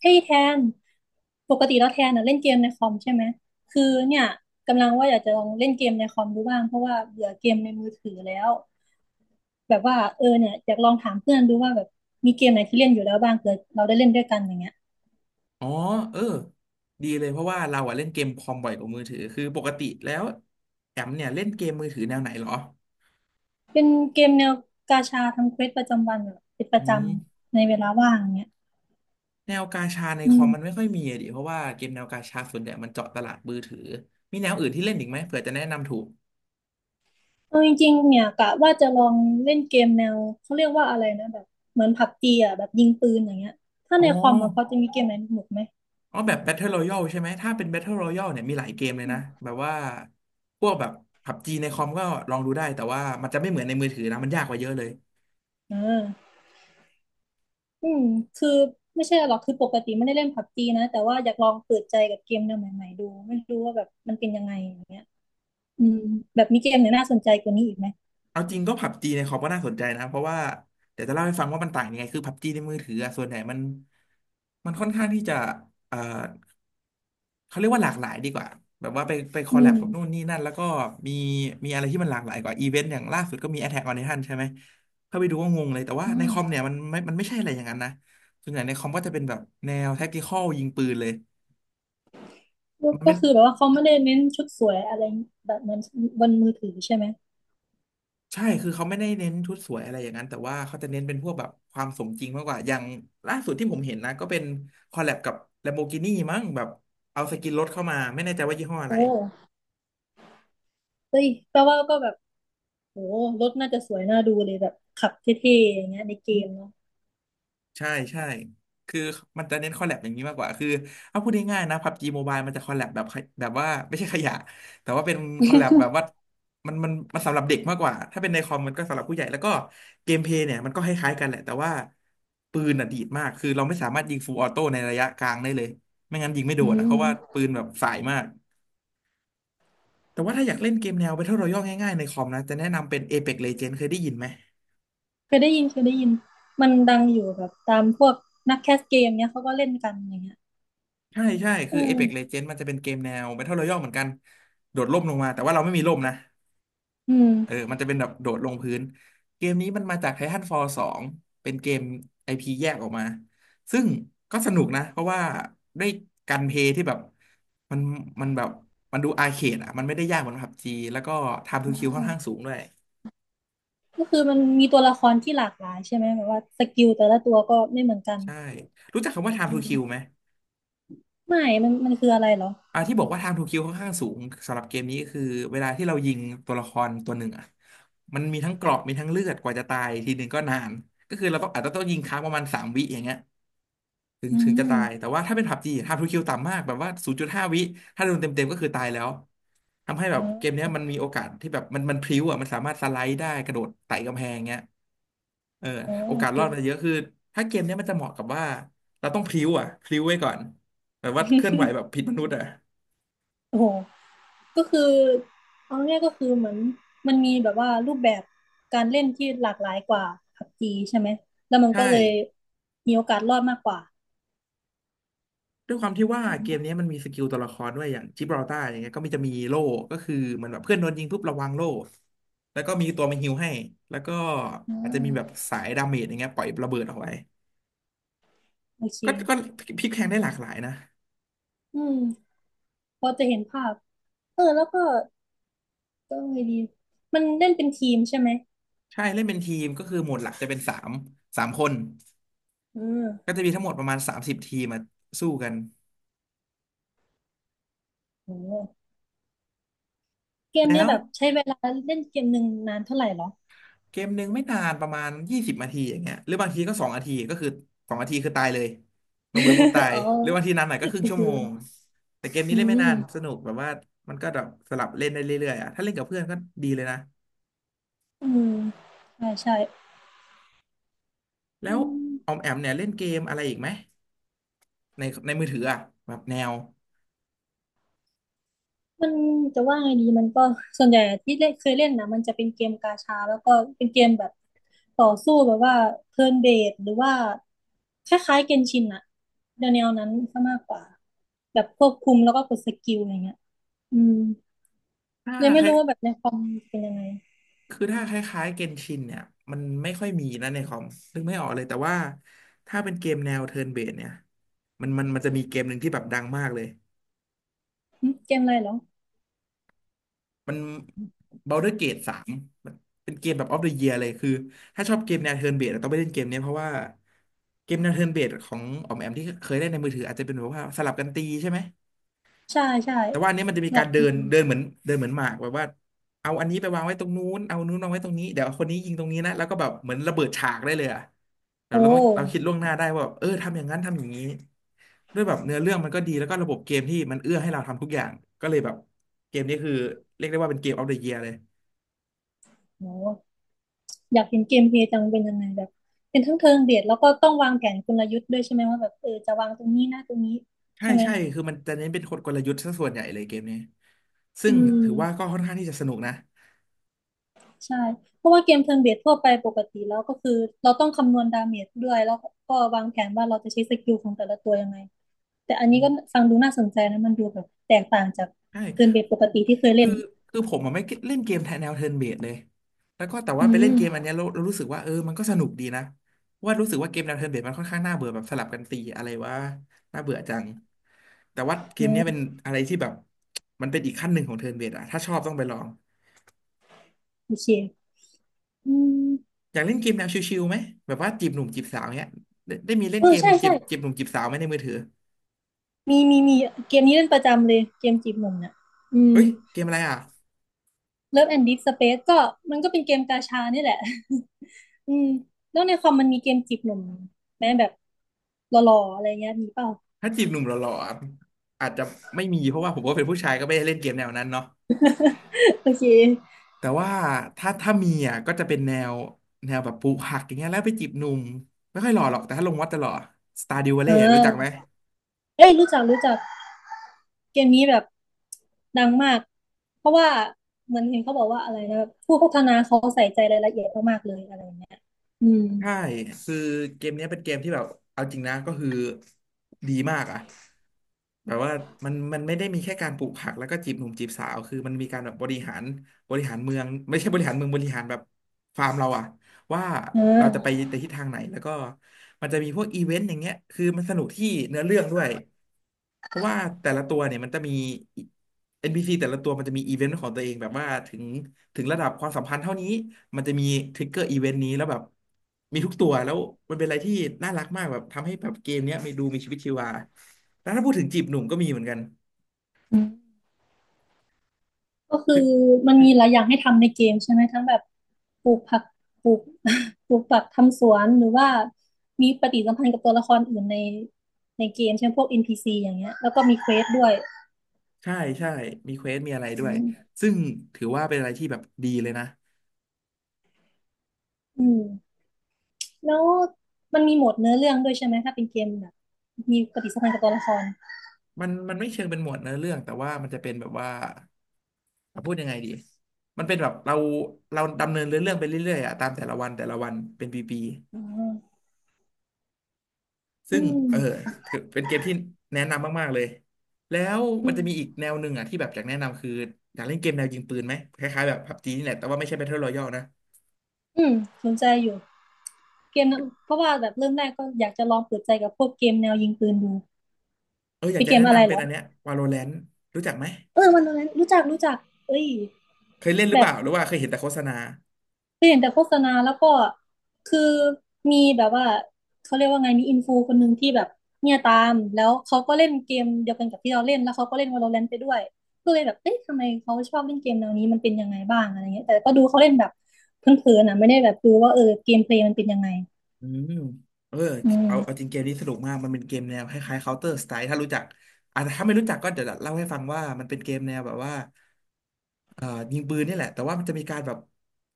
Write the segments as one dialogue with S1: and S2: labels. S1: เฮ้ยแทนปกติแล้วแทนน่ะเล่นเกมในคอมใช่ไหมคือเนี่ยกำลังว่าอยากจะลองเล่นเกมในคอมดูบ้างเพราะว่าเบื่อเกมในมือถือแล้วแบบว่าเนี่ยอยากลองถามเพื่อนดูว่าแบบมีเกมไหนที่เล่นอยู่แล้วบ้างเผื่อเราได้เล่นด้วยกันอย่างเงี้ย
S2: อ๋อเออดีเลยเพราะว่าเราอะเล่นเกมคอมบ่อยกว่ามือถือคือปกติแล้วแอมเนี่ยเล่นเกมมือถือแนวไหนเหรอ
S1: เป็นเกมแนวกาชาทำเควสประจำวันแบบเป็นป
S2: อื
S1: ระจ
S2: ม
S1: ำในเวลาว่างอย่างเงี้ย
S2: แนวกาชาใน
S1: อื
S2: คอม
S1: ม
S2: มันไม่ค่อยมีอะดิเพราะว่าเกมแนวกาชาส่วนใหญ่มันเจาะตลาดมือถือมีแนวอื่นที่เล่นอีกไหมเผื่อจะแนะนำถูก
S1: เอาจริงๆเนี่ยกะว่าจะลองเล่นเกมแนวเขาเรียกว่าอะไรนะแบบเหมือนผับจีอ่ะแบบยิงปืนอย่างเงี้ยถ้า
S2: อ๋อ
S1: ในคอมอ่ะพอจะมีเกมไหนสนุกไหม
S2: อ๋อแบบ Battle Royale ใช่ไหมถ้าเป็น Battle Royale เนี่ยมีหลายเกมเลย
S1: อื
S2: นะ
S1: ม
S2: แบบว่าพวกแบบพับจีในคอมก็ลองดูได้แต่ว่ามันจะไม่เหมือนในมือถือนะมันยากกว่าเยอะเลย
S1: เออ อืมคือไม่ใช่หรอกคือปกติไม่ได้เล่นพับจีนะแต่ว่าอยากลองเปิดใจกับเกมแนวใหม่ๆดู ไม่รู้ว่าแบบมันเป็นยังไงอย่างเงี้ยอืมแบบมีเกมไหนน่าสนใจกว่านี้อีกไหม
S2: เอาจริงก็ผับจีในคอมก็น่าสนใจนะเพราะว่าเดี๋ยวจะเล่าให้ฟังว่ามันต่างยังไงคือผับจีในมือถืออะส่วนใหญ่มันมันค่อนข้างที่จะเอ่อเขาเรียกว่าหลากหลายดีกว่าแบบว่าไปคอ
S1: อื
S2: ลแลบ
S1: ม
S2: กับนู่นนี่นั่นแล้วก็มีมีอะไรที่มันหลากหลายกว่าอีเวนต์อย่างล่าสุดก็มี Attack on Titan ใช่ไหมเข้าไปดูก็งงเลยแต่ว่า
S1: อ่
S2: ในคอมเนี่
S1: า
S2: ยมันไม่ใช่อะไรอย่างนั้นนะส่วนใหญ่ในคอมก็จะเป็นแบบแนว tactical ยิงปืนเลย
S1: ก็
S2: มัน
S1: ก็
S2: ไม่
S1: คือแบบว่าเขาไม่ได้เน้นชุดสวยอะไรแบบเหมือนบนมือถือใช่ไหม
S2: ใช่ คือเขาไม่ได้เน้นชุดสวยอะไรอย่างนั้น แต่ว่าเขาจะเน้นเป็นพวกแบบความสมจริงมากกว่าอย่างล่าสุดที่ผมเห็นนะ ก็เป็นคอลแลบกับ Lamborghini มั้งแบบเอาสกินรถเข้ามา ไม่แน่ใจว่ายี่ห้ออะไร
S1: โอ้เฮ้ยแปลว่าก็แบบโอ้รถน่าจะสวยน่าดูเลยแบบขับเท่ๆอย่างเงี้ยในเกมเนาะ
S2: ใช่ใช่คือมันจะเน้นคอลแลบอย่างนี้มากกว่าคือเอาพูดง่ายๆนะพับจีโมบายมันจะคอลแลบแบบขยแบบว่าไม่ใช่ขยะแต่ว่าเป็นคอลแลบแบบว่า มันสำหรับเด็กมากกว่าถ้าเป็นในคอมมันก็สำหรับผู้ใหญ่แล้วก็เกมเพลย์เนี่ยมันก็คล้ายๆกันแหละแต่ว่าปืนอ่ะดีดมากคือเราไม่สามารถยิงฟูลออโต้ในระยะกลางได้เลยไม่งั้นยิงไม่โด
S1: อื
S2: นอะเพราะว่า
S1: ม
S2: ปืนแบบสายมากแต่ว่าถ้าอยากเล่นเกมแนว Battle Royale ง่ายๆในคอมนะจะแนะนำเป็น Apex Legends เคยได้ยินไหม
S1: เคยได้ยินเคยได้ยินมันดังอยู่แบบตามพวกนักแคสเกมเนี้ยเขาก็เล่นกันอย่างเงี้ย
S2: ใช่ใช่คื
S1: อื
S2: อ
S1: ม
S2: Apex Legends มันจะเป็นเกมแนว Battle Royale เหมือนกันโดดร่มลงมาแต่ว่าเราไม่มีร่มนะ
S1: อืม
S2: เออมันจะเป็นแบบโดดลงพื้นเกมนี้มันมาจาก Titanfall 2เป็นเกม IP แยกออกมาซึ่งก็สนุกนะเพราะว่าด้วยการเพลย์ที่แบบมันมันแบบมันดูอาร์เคดอ่ะมันไม่ได้ยากเหมือนพับจีแล้วก็ Time to Kill ค่อนข้างสูงด้วย
S1: ก็คือมันมีตัวละครที่หลากหลายใช่ไหมแบบว่าสกิลแต่ละตัวก็ไม่เหมือนกัน
S2: ใช่รู้จักคำว่า Time
S1: อื
S2: to Kill
S1: ม
S2: ไหม
S1: ไม่มันคืออะไรเหรอ
S2: อ่าที่บอกว่าไทางทูคิวค่อนข้างสูงสำหรับเกมนี้คือเวลาที่เรายิงตัวละครตัวหนึ่งอ่ะมันมีทั้งเกราะมีทั้งเลือดกว่าจะตายทีหนึ่งก็นานก็คือเราต้องอาจจะต้องยิงค้างประมาณ3 วิอย่างเงี้ยถึง
S1: อื
S2: ถึงจะ
S1: ม
S2: ตายแต่ว่าถ้าเป็นผับจีไทางทูคิวต่ำมากแบบว่า0.5 วิถ้าโดนเต็มเก็คือตายแล้วทำให้แบ
S1: อ๋
S2: บเกมเนี้ย
S1: อ
S2: มันมีโอกาสที่แบบมันพลิ้วอ่ะมันสามารถสไลด์ได้กระโดดไต่กำแพงเงี้ยเออ
S1: อ๋อ
S2: โอ
S1: โอ
S2: กาส
S1: เค
S2: รอดมันเยอะคือถ้าเกมเนี้ยมันจะเหมาะกับว่าเราต้องพลิ้วอ่ะพลิ้วไว้ก่อนแบบว่าเคลื่อนไหวแบบผิดมนุษย์อ่ะ
S1: โอ้โหก็คือเอาง่ายๆก็คือเหมือนมันมีแบบว่ารูปแบบการเล่นที่หลากหลายกว่าผับจีใช่ไหมแล้วมัน
S2: ใช่
S1: ก็เลยมีโอกาสรอดมากกว่า
S2: ด้วยความที่ว่าเกมนี้มันมีสกิลตัวละครด้วยอย่างจิบราลตาร์อย่างเงี้ยก็มีจะมีโล่ก็คือเหมันแบบเพื่อนโดนยิงปุ๊บระวังโล่แล้วก็มีตัวมาฮีลให้แล้วก็
S1: อ่
S2: อาจจะมีแบบ
S1: า
S2: สายดาเมจอย่างเงี้ยปล่อยระเบิดออกไป
S1: โอเค
S2: ก็พลิกแพลงได้หลากหลายนะ
S1: อืมพอจะเห็นภาพเออแล้วก็ก็ไงดีมันเล่นเป็นทีมใช่ไหม
S2: ใช่เล่นเป็นทีมก็คือโหมดหลักจะเป็นสามคน
S1: อืม
S2: ก็จะมีทั้งหมดประมาณ30 ทีมมาสู้กัน
S1: โอ้ เกมเนี่
S2: แล้
S1: ย
S2: ว
S1: แบบใช้เวลาเล่นเกมหนึ่งนานเท่าไหร่เหรอ
S2: เกมหนึ่งไม่นานประมาณ20 นาทีอย่างเงี้ยหรือบางทีก็สองนาทีก็คือสองนาทีคือตายเลยลงไปปุ๊บตา ย
S1: อ๋อ
S2: หรือบางทีนานหน่อยก็ครึ่ง
S1: ก็
S2: ชั่ว
S1: คื
S2: โม
S1: อ
S2: งแต่เกมนี้
S1: อื
S2: เล่นไม่
S1: ม
S2: นานสนุกแบบว่ามันก็แบบสลับเล่นได้เรื่อยๆอ่ะถ้าเล่นกับเพื่อนก็ดีเลยนะ
S1: อืมใช่ใช่
S2: แล้
S1: อื
S2: ว
S1: ม
S2: ออมแอมเนี่ยเล่นเกมอะไรอีกไหมในมือถืออ่ะแบบแนว
S1: มันจะว่าไงดีมันก็ส่วนใหญ่ที่เล่นเคยเล่นนะมันจะเป็นเกมกาชาแล้วก็เป็นเกมแบบต่อสู้แบบว่าเทิร์นเบสหรือว่าคล้ายๆเกนชินอะแนวๆนั้นซะมากกว่าแบบควบคุมแล้วก็กดสกิลอะไรเงี้ยอืม
S2: ถ้า
S1: เลยไม่
S2: คล้าย
S1: รู้ว่าแบบในคอมเป็นยังไง
S2: คือถ้าคล้ายๆเกนชินเนี่ยมันไม่ค่อยมีนะในคอมนึกไม่ออกเลยแต่ว่าถ้าเป็นเกมแนวเทิร์นเบสเนี่ยมันจะมีเกมหนึ่งที่แบบดังมากเลย
S1: หึเกมอะไรเหรอ
S2: มัน Baldur's Gate สามมันเป็นเกมแบบ of the year เลยคือถ้าชอบเกมแนว turn based ต้องไปเล่นเกมเนี้ยเพราะว่าเกมแนว turn based ของออมแอมที่เคยเล่นในมือถืออาจจะเป็นแบบว่าสลับกันตีใช่ไหม
S1: ใช่ใช่
S2: แต่ว่าอันนี้มันจะมี
S1: สำหรั
S2: การ
S1: บ
S2: เดินเดินเหมือนเดินเหมือนหมากแบบว่าเอาอันนี้ไปวางไว้ตรงนู้นเอานู้นวางไว้ตรงนี้ เดี๋ยวคนนี้ยิงตรงนี้นะ แล้วก็แบบเหมือนระเบิดฉากได้เลยอะแบบ
S1: โอ้
S2: เราคิดล่วงหน้าได้ว่าแบบเออทำอย่างนั้นทำอย่างนี้ด้วยแบบเนื้อเรื่องมันก็ดีแล้วก็ระบบเกมที่มันเอื้อให้เราทำทุกอย่างก็เลยแบบเกมนี้คือเรียกได้ว่าเป็นเกมออฟเดอะเยียร์เลย
S1: โอ้อยากเห็นเกมเพลย์จังเป็นยังไงแบบเป็นทั้งเทิงเบียดแล้วก็ต้องวางแผนกลยุทธ์ด้วยใช่ไหมว่าแบบเออจะวางตรงนี้นะตรงนี้
S2: ใช่
S1: ใช่ไหม
S2: ใช่คือมันจะเน้นเป็นกลยุทธ์ซะส่วนใหญ่เลยเกมนี้ซึ่ง
S1: อืม
S2: ถือว่าก็ค่อนข้างที่จะสนุกนะ
S1: ใช่เพราะว่าเกมเทิร์นเบสทั่วไปปกติแล้วก็คือเราต้องคำนวณดาเมจด้วยแล้วก็วางแผนว่าเราจะใช้สกิลของแต่ละตัวยังไงแต่อันนี้ก็ฟังดูน่าสนใจนะมันดูแบบแตกต่างจาก
S2: ใช่
S1: เทิร์นเบสปกติที่เคย
S2: คื
S1: เล่
S2: อ
S1: น
S2: คือผมอะไม่เล่นเกมแทนแนวเทิร์นเบสเลยแล้วก็แต่ว่า
S1: อื
S2: ไปเล่นเกมอัน
S1: ม
S2: เนี้ยเรารู้สึกว่าเออมันก็สนุกดีนะว่ารู้สึกว่าเกมแนวเทิร์นเบสมันค่อนข้างน่าเบื่อแบบสลับกันตีอะไรวะน่าเบื่อจังแต่ว่าเก
S1: เอ
S2: มเนี้ยเป็น
S1: อ
S2: อะไรที่แบบมันเป็นอีกขั้นหนึ่งของเทิร์นเบสอะถ้าชอบต้องไปลอง
S1: โอเคอืม
S2: อยากเล่นเกมแนวชิวๆไหมแบบว่าจีบหนุ่มจีบสาวเนี้ยได้ได้มีเล่
S1: เอ
S2: นเก
S1: อ
S2: ม
S1: ใช่
S2: จี
S1: ใช่
S2: บจีบหนุ่มจีบสาวไหมในมือถือ
S1: มีเกมนี้เล่นประจำเลยเกมจีบหนุ่มเนี่ยอื
S2: เฮ้
S1: ม
S2: ยเกมอะไรอ่ะ
S1: เลิฟแอนด์ดิสเปซก็มันก็เป็นเกมกาชานี่แหละ อืมแล้วในคอมมันมีเกมจีบหนุ่มแมมแบบหล่อๆอะไรเงี้ยมีเปล่า
S2: ถ้าจีบหนุ่มหล่อๆอะอาจจะไม่มีเพราะว่าผมก็เป็นผู้ชายก็ไม่ได้เล่นเกมแนวนั้นเนาะ
S1: โอเค
S2: แต่ว่าถ้ามีอ่ะก็จะเป็นแนวแบบปลูกผักอย่างเงี้ยแล้วไปจีบหนุ่มไม่ค่อยหล่อหรอกแต่ถ้าลงวัดจะหล่อ a r d e w ดิว
S1: เอ
S2: เล่รู้จักไหม
S1: อเอ้ยรู้จักรู้จักเกมนี้แบบดังมากเพราะว่าเหมือนเห็นเขาบอกว่าอะไรนะผู้พัฒนาเขาใส่ใจรายละเอียดมากๆเลยอะไรเงี้ยอืม
S2: ใช่คือเกมเนี้ยเป็นเกมที่แบบเอาจริงนะก็คือดีมากอ่ะแบบว่ามันไม่ได้มีแค่การปลูกผักแล้วก็จีบหนุ่มจีบสาวคือมันมีการแบบบริหารบริหารเมืองไม่ใช่บริหารเมืองบริหารแบบฟาร์มเราอ่ะ ว่า
S1: เ
S2: เราจะไป
S1: ออ
S2: ในทิศทางไหนแล้วก็มันจะมีพวกอีเวนต์อย่างเงี้ยคือมันสนุกที่เนื้อเรื่องด้วยเพราะว่าแต่ละตัวเนี่ยมันจะมี NPC แต่ละตัวมันจะมีอีเวนต์ของตัวเองแบบว่าถึงระดับความสัมพันธ์เท่านี้มันจะมีทริกเกอร์อีเวนต์นี้แล้วแบบมีทุกตัวแล้วมันเป็นอะไรที่น่ารักมากแบบทำให้แบบเกมเนี้ยมีดูมีชีวิตชีวาแล้วถ้าพูดถึงจีบหนุ่มก็มีเหมือนกัน
S1: อืม ก็คือ
S2: คือ
S1: มันมีหลายอย่างให้ทำในเกมใช่ไหมทั้งแบบปลูกผักปลูก ปลูกผักทำสวนหรือว่ามีปฏิสัมพันธ์กับตัวละครอื่นในเกมเช่นพวก NPC อนพีซีอย่างเงี้ยแล้วก็มีเควสด้วย
S2: ใช่ใช่มีเควสมีอะไรด้
S1: อื
S2: วย
S1: ม
S2: ซึ่งถือว่าเป็นอะไรที่แบบดีเลยนะ
S1: อืมแล้วมันมีโหมดเนื้อเรื่องด้วยใช่ไหมถ้าเป็นเกมแบบมีปฏิสัมพันธ์กับตัวละคร
S2: มันไม่เชิงเป็นหมวดเนื้อเรื่องแต่ว่ามันจะเป็นแบบว่าอ่ะพูดยังไงดีมันเป็นแบบเราดำเนินเรื่องไปเรื่อยๆอ่ะตามแต่ละวันแต่ละวันเป็นปี
S1: อ๋อ
S2: ๆ
S1: อื
S2: ซึ่งเออ
S1: ม
S2: คือเป็นเกมที่แนะนำมากๆเลยแล้ว
S1: อื
S2: มัน
S1: ม
S2: จะมีอีกแนวหนึ่งอ่ะที่แบบอยากแนะนำคืออยากเล่นเกมแนวยิงปืนไหมคล้ายๆแบบ PUBG นี่แหละแต่ว่าไม่ใช่ Battle Royale นะ
S1: อืมสนใจอยู่เกมนะเพราะว่าแบบเริ่มแรกก็อยากจะลองเปิดใจกับพวกเกมแนวยิงปืนดู
S2: เอออยา
S1: เป็
S2: ก
S1: น
S2: จะ
S1: เก
S2: แนะ
S1: มอะไร
S2: นำ
S1: เห
S2: เป็
S1: ร
S2: น
S1: อ
S2: อันเนี้ย Valorant รู้จักไหม
S1: เออวันนั้นรู้จักรู้จักเอ้ย
S2: เคยเล่นหรือเป
S1: แบบ
S2: ล่าหรือว่าเคยเห็นแต่โฆษณา
S1: เคยเห็นแต่โฆษณาแล้วก็คือมีแบบว่าเขาเรียกว่าไงมีอินฟูคนหนึ่งที่แบบเนี่ยตามแล้วเขาก็เล่นเกมเดียวกันกับที่เราเล่นแล้วเขาก็เล่น Valorant ไปด้วยก็เลยแบบเอ๊ะทำไมเขาชอบเล่นเกมแนวนี้มันเป็นยังไงบ้างอะไรเงี้ยแต่ก็ดูเขาเล่นแบบเพ่อนๆนะไม่ได้แบบดูว่าเออเกมเพลย์มันเป็นยังไง
S2: อืมเออ
S1: อื
S2: เอา
S1: ม
S2: จริงเกมนี้สนุกมากมันเป็นเกมแนวคล้ายๆ Counter Strike ถ้ารู้จักอ่ะแต่ถ้าไม่รู้จักก็เดี๋ยวเล่าให้ฟังว่ามันเป็นเกมแนวแบบว่าเอ่อยิงปืนนี่แหละแต่ว่ามันจะมีการแบบ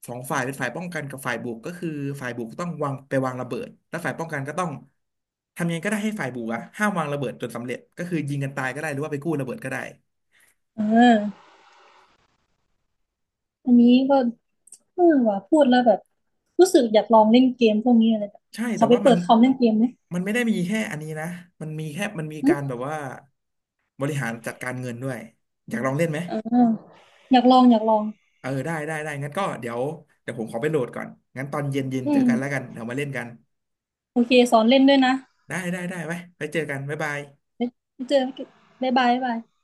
S2: สองฝ่ายเป็นฝ่ายป้องกันกับฝ่ายบุกก็คือฝ่ายบุกต้องวางไปวางระเบิดแล้วฝ่ายป้องกันก็ต้องทำยังไงก็ได้ให้ฝ่ายบุกอะห้ามวางระเบิดจนสำเร็จก็คือยิงกันตายก็ได้หรือว่าไปกู้ระเบิดก็ได้
S1: เอออันนี้ก็เออว่าพูดแล้วแบบรู้สึกอยากลองเล่นเกมพวกนี้อะไรแบบ
S2: ใช่
S1: ข
S2: แต่
S1: อไป
S2: ว่ามั
S1: เปิ
S2: น
S1: ดคอมเล่นเกมไหม
S2: มันไม่ได้มีแค่อันนี้นะมันมี
S1: อื
S2: กา
S1: ม
S2: รแบบว่าบริหารจัดการเงินด้วยอยากลองเล่นไหม
S1: เอออยากลองอยากลอง
S2: เออได้งั้นก็เดี๋ยวผมขอไปโหลดก่อนงั้นตอนเย็น
S1: อื
S2: เจอ
S1: ม
S2: กันแล้วกันเดี๋ยวมาเล่นกัน
S1: โอเคสอนเล่นด้วยนะ
S2: ได้ไว้ไปเจอกันบ๊ายบาย
S1: ไว้เจอกันบ๊ายบายบ๊ายบาย